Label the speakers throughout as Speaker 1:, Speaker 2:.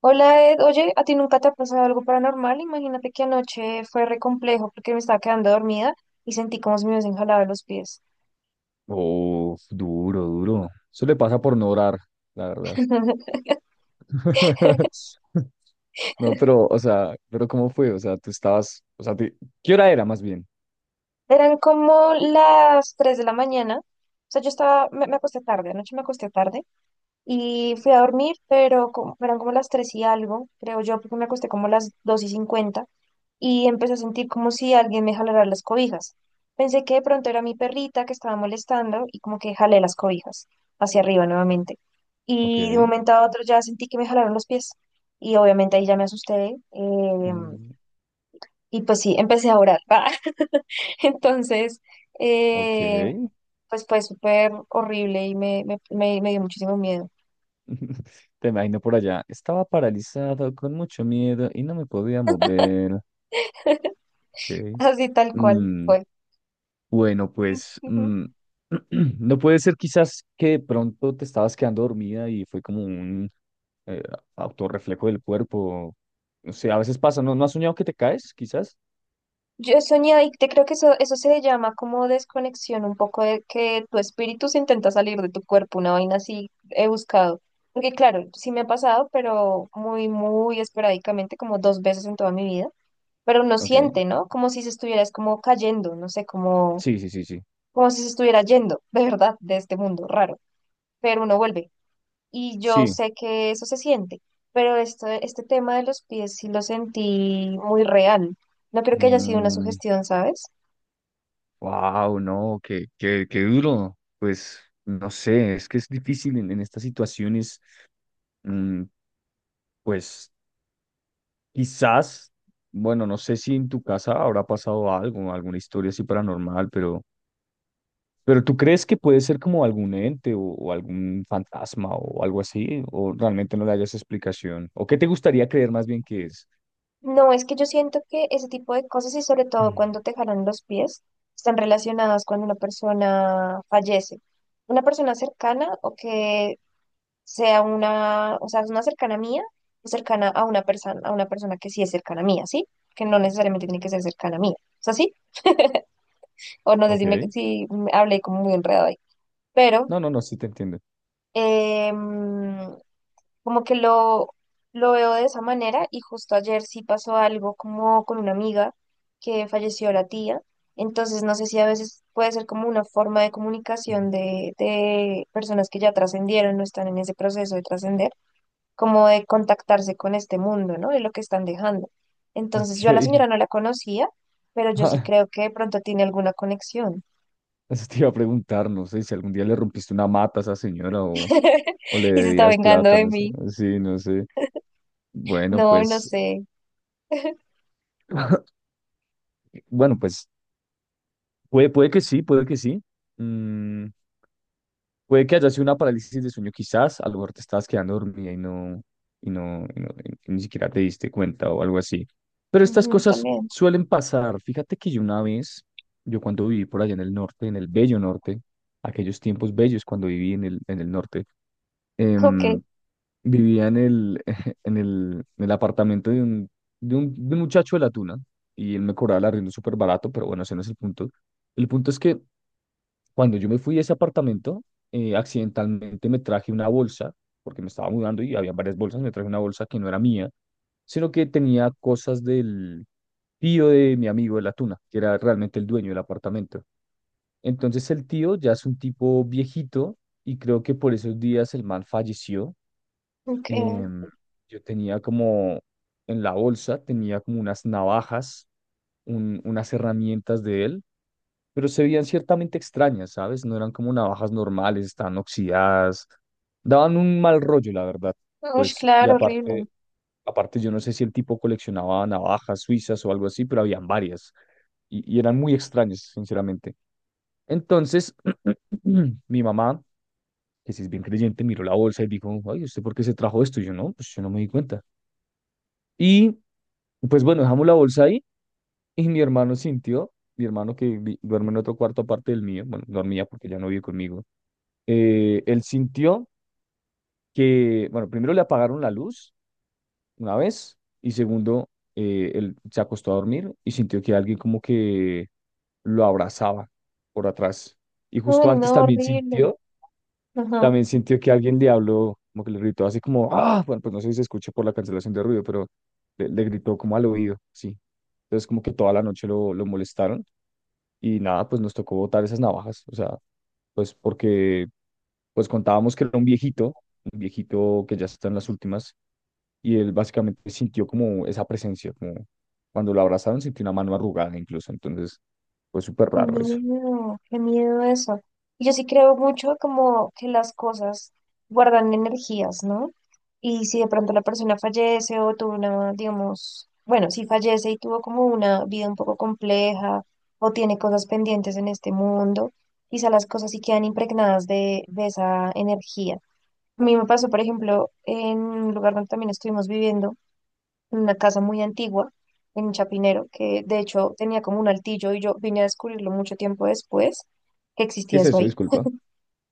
Speaker 1: Hola Ed, oye, ¿a ti nunca te ha pasado algo paranormal? Imagínate que anoche fue re complejo porque me estaba quedando dormida y sentí como si me hubiesen jalado los pies.
Speaker 2: Oh, duro, duro. Eso le pasa por no orar, la verdad. No, pero, o sea, pero ¿cómo fue? O sea, tú estabas, o sea, te- ¿qué hora era más bien?
Speaker 1: Eran como las 3 de la mañana, o sea, yo estaba, me acosté tarde, anoche me acosté tarde. Y fui a dormir, pero eran como las 3 y algo, creo yo, porque me acosté como las 2:50 y empecé a sentir como si alguien me jalara las cobijas. Pensé que de pronto era mi perrita que estaba molestando y como que jalé las cobijas hacia arriba nuevamente.
Speaker 2: Ok.
Speaker 1: Y de un momento a otro ya sentí que me jalaron los pies y obviamente ahí ya me asusté,
Speaker 2: Mm.
Speaker 1: y pues sí, empecé a orar. Entonces, eh,
Speaker 2: Ok.
Speaker 1: pues fue súper horrible y me dio muchísimo miedo.
Speaker 2: Te imagino por allá. Estaba paralizado con mucho miedo y no me podía mover. Ok.
Speaker 1: Así tal cual
Speaker 2: Mm,
Speaker 1: fue.
Speaker 2: bueno, pues,
Speaker 1: Ujú.
Speaker 2: no puede ser quizás que de pronto te estabas quedando dormida y fue como un eh, autorreflejo del cuerpo. O sea, a veces pasa, ¿no? ¿No has soñado que te caes, quizás?
Speaker 1: Yo soñé y te creo que eso se llama como desconexión, un poco de que tu espíritu se intenta salir de tu cuerpo, una vaina así he buscado. Porque claro, sí me ha pasado, pero muy esporádicamente, como 2 veces en toda mi vida. Pero uno
Speaker 2: Ok.
Speaker 1: siente, ¿no? Como si se estuvieras como cayendo, no sé, como,
Speaker 2: Sí, sí, sí, sí.
Speaker 1: como si se estuviera yendo, de verdad, de este mundo, raro. Pero uno vuelve. Y yo
Speaker 2: Sí.
Speaker 1: sé que eso se siente, pero este tema de los pies sí lo sentí muy real. No creo que haya sido una sugestión, ¿sabes?
Speaker 2: Wow, no, qué, qué, qué duro. Pues, no sé, es que es difícil en estas situaciones. mm, pues, quizás, bueno, no sé si en tu casa habrá pasado algo, alguna historia así paranormal, pero ¿tú crees que puede ser como algún ente o algún fantasma o algo así? ¿O realmente no le hayas explicación? ¿O qué te gustaría creer más bien que es?
Speaker 1: No, es que yo siento que ese tipo de cosas y sobre todo
Speaker 2: Mm.
Speaker 1: cuando te jalan los pies están relacionadas cuando una persona fallece. Una persona cercana o que sea una, o sea, es una cercana mía o cercana a una persona que sí es cercana mía, ¿sí? Que no necesariamente tiene que ser cercana mía. ¿Es así? O no sé si,
Speaker 2: Ok.
Speaker 1: si me hablé como muy enredado ahí. Pero
Speaker 2: No, no, no, sí te entiendo.
Speaker 1: em, como que lo veo de esa manera y justo ayer sí pasó algo como con una amiga que falleció la tía. Entonces no sé si a veces puede ser como una forma de
Speaker 2: Mm.
Speaker 1: comunicación de personas que ya trascendieron, no están en ese proceso de trascender, como de contactarse con este mundo, ¿no? De lo que están dejando. Entonces
Speaker 2: Ok.
Speaker 1: yo a la señora no la conocía, pero yo sí
Speaker 2: Ah,
Speaker 1: creo que de pronto tiene alguna conexión
Speaker 2: eso te iba a preguntar, no sé si algún día le rompiste una mata a esa señora o le
Speaker 1: y se está
Speaker 2: debías
Speaker 1: vengando
Speaker 2: plata,
Speaker 1: de
Speaker 2: no sé.
Speaker 1: mí.
Speaker 2: Sí, no sé. Bueno,
Speaker 1: No, no
Speaker 2: pues,
Speaker 1: sé.
Speaker 2: bueno, pues, puede, puede que sí, puede que sí. Mm. Puede que haya sido una parálisis de sueño, quizás, a lo mejor te estabas quedando dormida y no, y no- y ni siquiera te diste cuenta o algo así. Pero estas
Speaker 1: Ujú,
Speaker 2: cosas
Speaker 1: también.
Speaker 2: suelen pasar. Fíjate que yo una vez, yo cuando viví por allá en el norte, en el bello norte, aquellos tiempos bellos cuando viví en el norte,
Speaker 1: Ok,
Speaker 2: em, vivía en el, en el apartamento de un muchacho de la tuna y él me cobraba el arriendo súper barato, pero bueno, ese no es el punto. El punto es que cuando yo me fui de ese apartamento, accidentalmente me traje una bolsa, porque me estaba mudando y había varias bolsas, me traje una bolsa que no era mía, sino que tenía cosas del tío de mi amigo de la tuna, que era realmente el dueño del apartamento. Entonces el tío ya es un tipo viejito y creo que por esos días el man falleció.
Speaker 1: ok.
Speaker 2: Em, yo tenía como en la bolsa, tenía como unas navajas, unas herramientas de él, pero se veían ciertamente extrañas, ¿sabes? No eran como navajas normales, estaban oxidadas, daban un mal rollo, la verdad.
Speaker 1: Uy,
Speaker 2: Pues, y
Speaker 1: claro, horrible.
Speaker 2: aparte, aparte yo no sé si el tipo coleccionaba navajas suizas o algo así, pero habían varias y eran muy extrañas, sinceramente. Entonces, mi mamá, que sí es bien creyente, miró la bolsa y dijo, ay, ¿usted por qué se trajo esto? Y yo no, pues yo no me di cuenta. Y pues bueno, dejamos la bolsa ahí y mi hermano sintió, mi hermano que duerme en otro cuarto aparte del mío, bueno, dormía porque ya no vive conmigo. Él sintió que, bueno, primero le apagaron la luz una vez y segundo, él se acostó a dormir y sintió que alguien como que lo abrazaba por atrás. Y
Speaker 1: Uy,
Speaker 2: justo antes
Speaker 1: no, horrible. Ajá,
Speaker 2: también sintió que alguien le habló, como que le gritó así como, ah, bueno, pues no sé si se escucha por la cancelación de ruido, pero le gritó como al oído, sí. Entonces como que toda la noche lo molestaron y nada, pues nos tocó botar esas navajas, o sea, pues porque pues contábamos que era un viejito que ya está en las últimas, y él básicamente sintió como esa presencia, como cuando lo abrazaron sintió una mano arrugada incluso, entonces fue súper raro eso.
Speaker 1: qué miedo eso. Y yo sí creo mucho como que las cosas guardan energías, ¿no? Y si de pronto la persona fallece o tuvo una, digamos, bueno, si fallece y tuvo como una vida un poco compleja o tiene cosas pendientes en este mundo, quizá las cosas sí quedan impregnadas de esa energía. A mí me pasó, por ejemplo, en un lugar donde también estuvimos viviendo, en una casa muy antigua en Chapinero, que de hecho tenía como un altillo y yo vine a descubrirlo mucho tiempo después que
Speaker 2: ¿Qué
Speaker 1: existía
Speaker 2: es
Speaker 1: eso
Speaker 2: eso?
Speaker 1: ahí.
Speaker 2: Disculpa.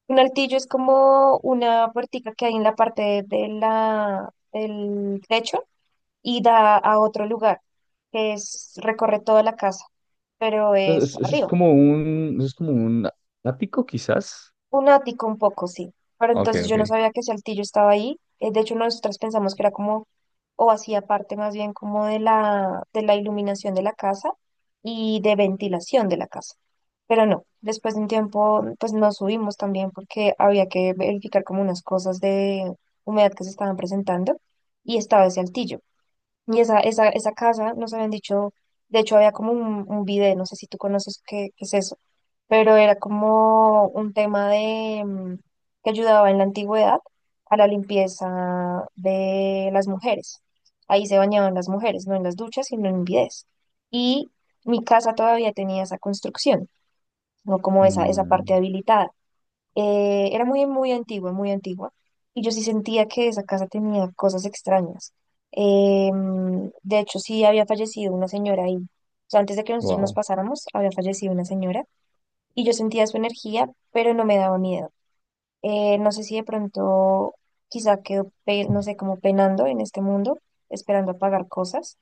Speaker 1: Un altillo es como una puertica que hay en la parte de del techo y da a otro lugar, que es, recorre toda la casa, pero
Speaker 2: Entonces,
Speaker 1: es
Speaker 2: eso es
Speaker 1: arriba.
Speaker 2: como un, eso es como un ático quizás.
Speaker 1: Un ático un poco, sí. Pero
Speaker 2: Ok,
Speaker 1: entonces yo no
Speaker 2: ok.
Speaker 1: sabía que Saltillo estaba ahí. De hecho, nosotros pensamos que era como, o hacía parte más bien como de de la iluminación de la casa y de ventilación de la casa. Pero no, después de un tiempo, pues nos subimos también porque había que verificar como unas cosas de humedad que se estaban presentando y estaba ese altillo. Y esa casa nos habían dicho, de hecho había como un video, no sé si tú conoces qué, qué es eso, pero era como un tema de que ayudaba en la antigüedad a la limpieza de las mujeres. Ahí se bañaban las mujeres, no en las duchas, sino en bidés. Y mi casa todavía tenía esa construcción, no como esa
Speaker 2: Mm.
Speaker 1: parte habilitada. Era muy antigua, muy antigua. Y yo sí sentía que esa casa tenía cosas extrañas. Em, de hecho, sí había fallecido una señora ahí. O sea, antes de que nosotros nos
Speaker 2: Wow.
Speaker 1: pasáramos, había fallecido una señora. Y yo sentía su energía, pero no me daba miedo. No sé si de pronto quizá quedó, no sé, como penando en este mundo, esperando a pagar cosas.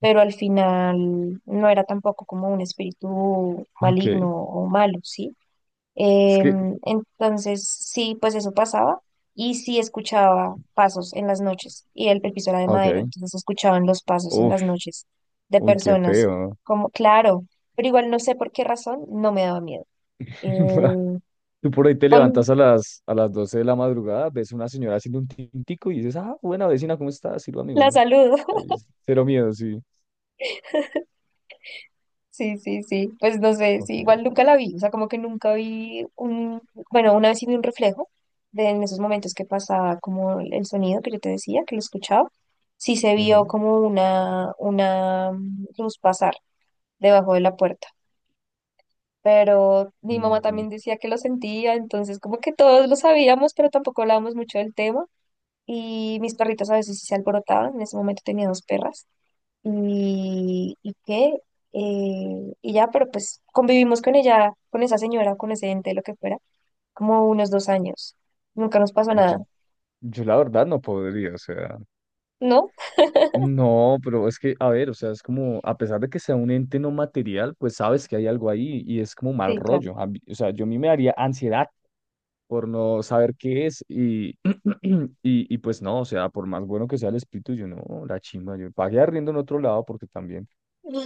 Speaker 1: Pero al final no era tampoco como un espíritu
Speaker 2: Ok.
Speaker 1: maligno o malo, ¿sí?
Speaker 2: Es que,
Speaker 1: Em, entonces, sí, pues eso pasaba y sí escuchaba pasos en las noches y el piso era de madera,
Speaker 2: ok.
Speaker 1: entonces escuchaban los pasos en las
Speaker 2: Uf,
Speaker 1: noches de
Speaker 2: uy, qué
Speaker 1: personas,
Speaker 2: feo.
Speaker 1: como, claro, pero igual no sé por qué razón no me daba miedo. Eh,
Speaker 2: Tú por ahí te
Speaker 1: o
Speaker 2: levantas a las 12 de la madrugada, ves una señora haciendo un tintico y dices, ah, buena vecina, ¿cómo estás? Sírvame
Speaker 1: la
Speaker 2: uno.
Speaker 1: salud.
Speaker 2: Ay, cero miedo, sí.
Speaker 1: Sí, sí, sí. Pues no sé,
Speaker 2: Ok.
Speaker 1: sí, igual nunca la vi. O sea, como que nunca vi un, bueno, una vez sí vi un reflejo de en esos momentos que pasaba como el sonido que yo te decía, que lo escuchaba. Sí se vio
Speaker 2: Ujú.
Speaker 1: como una luz pasar debajo de la puerta. Pero mi mamá
Speaker 2: Mm,
Speaker 1: también decía que lo sentía, entonces como que todos lo sabíamos, pero tampoco hablábamos mucho del tema. Y mis perritos a veces sí se alborotaban. En ese momento tenía dos perras y, y qué, y ya, pero pues convivimos con ella, con esa señora, con ese ente, lo que fuera, como unos 2 años. Nunca nos pasó
Speaker 2: uy, yo,
Speaker 1: nada,
Speaker 2: yo la verdad no podría, o sea,
Speaker 1: ¿no?
Speaker 2: no, pero es que, a ver, o sea, es como, a pesar de que sea un ente no material, pues sabes que hay algo ahí y es como mal
Speaker 1: Sí, claro.
Speaker 2: rollo. A mí- o sea, yo a mí me daría ansiedad por no saber qué es y, y pues no, o sea, por más bueno que sea el espíritu, yo no, la chimba, yo pagué arriendo en otro lado porque también.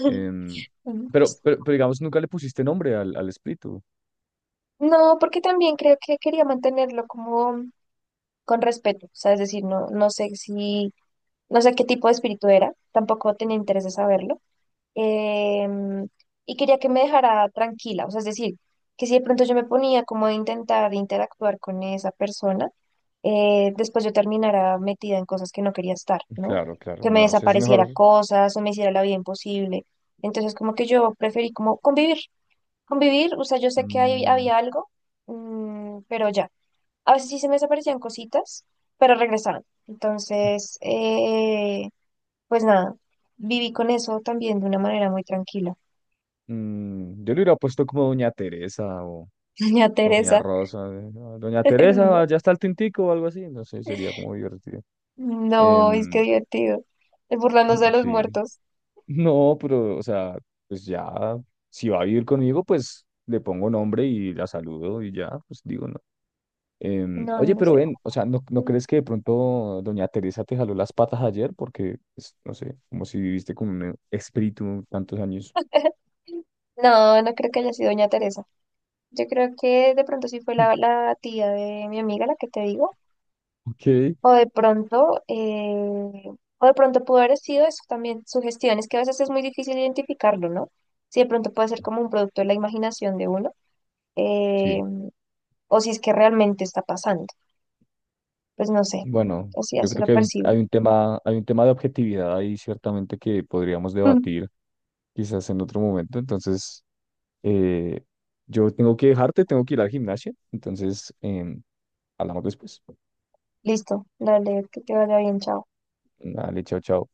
Speaker 2: em, pero, pero digamos, nunca le pusiste nombre al, al espíritu.
Speaker 1: No, porque también creo que quería mantenerlo como con respeto, o sea, es decir, no, no sé si, no sé qué tipo de espíritu era, tampoco tenía interés de saberlo, em, y quería que me dejara tranquila, o sea, es decir, que si de pronto yo me ponía como a intentar interactuar con esa persona, después yo terminara metida en cosas que no quería estar, ¿no?
Speaker 2: Claro, claro,
Speaker 1: Que me
Speaker 2: no, si es
Speaker 1: desapareciera
Speaker 2: mejor.
Speaker 1: cosas o me hiciera la vida imposible. Entonces, como que yo preferí como convivir, convivir, o sea, yo sé que
Speaker 2: Mm.
Speaker 1: había algo, mm, pero ya. A veces sí se me desaparecían cositas, pero regresaban. Entonces, pues nada, viví con eso también de una manera muy tranquila.
Speaker 2: Mm, yo le hubiera puesto como Doña Teresa
Speaker 1: Doña
Speaker 2: o Doña
Speaker 1: Teresa.
Speaker 2: Rosa. No, Doña
Speaker 1: No,
Speaker 2: Teresa, ya está el tintico o algo así. No sé, sería como divertido.
Speaker 1: no, es que
Speaker 2: Em,
Speaker 1: divertido. El burlándose de los
Speaker 2: sí.
Speaker 1: muertos.
Speaker 2: No, pero, o sea, pues ya, si va a vivir conmigo, pues le pongo nombre y la saludo y ya, pues digo, no.
Speaker 1: No,
Speaker 2: Oye,
Speaker 1: no
Speaker 2: pero
Speaker 1: sé.
Speaker 2: ven, o sea, ¿no, no crees que de pronto Doña Teresa te jaló las patas ayer? Porque, pues, no sé, como si viviste con un espíritu tantos años.
Speaker 1: No, no creo que haya sido Doña Teresa. Yo creo que de pronto sí fue la tía de mi amiga la que te digo.
Speaker 2: Ok,
Speaker 1: O de pronto, eh, o de pronto pudo haber sido eso también, sugestiones, que a veces es muy difícil identificarlo, ¿no? Si de pronto puede ser como un producto de la imaginación de uno, eh,
Speaker 2: sí.
Speaker 1: o si es que realmente está pasando. Pues no sé,
Speaker 2: Bueno,
Speaker 1: así,
Speaker 2: yo
Speaker 1: así
Speaker 2: creo
Speaker 1: lo
Speaker 2: que
Speaker 1: percibo.
Speaker 2: hay un tema de objetividad ahí ciertamente que podríamos debatir quizás en otro momento. Entonces, eh, yo tengo que dejarte, tengo que ir al gimnasio. Entonces, hablamos después.
Speaker 1: Listo, dale, que te vaya bien, chao.
Speaker 2: Dale, chao, chao.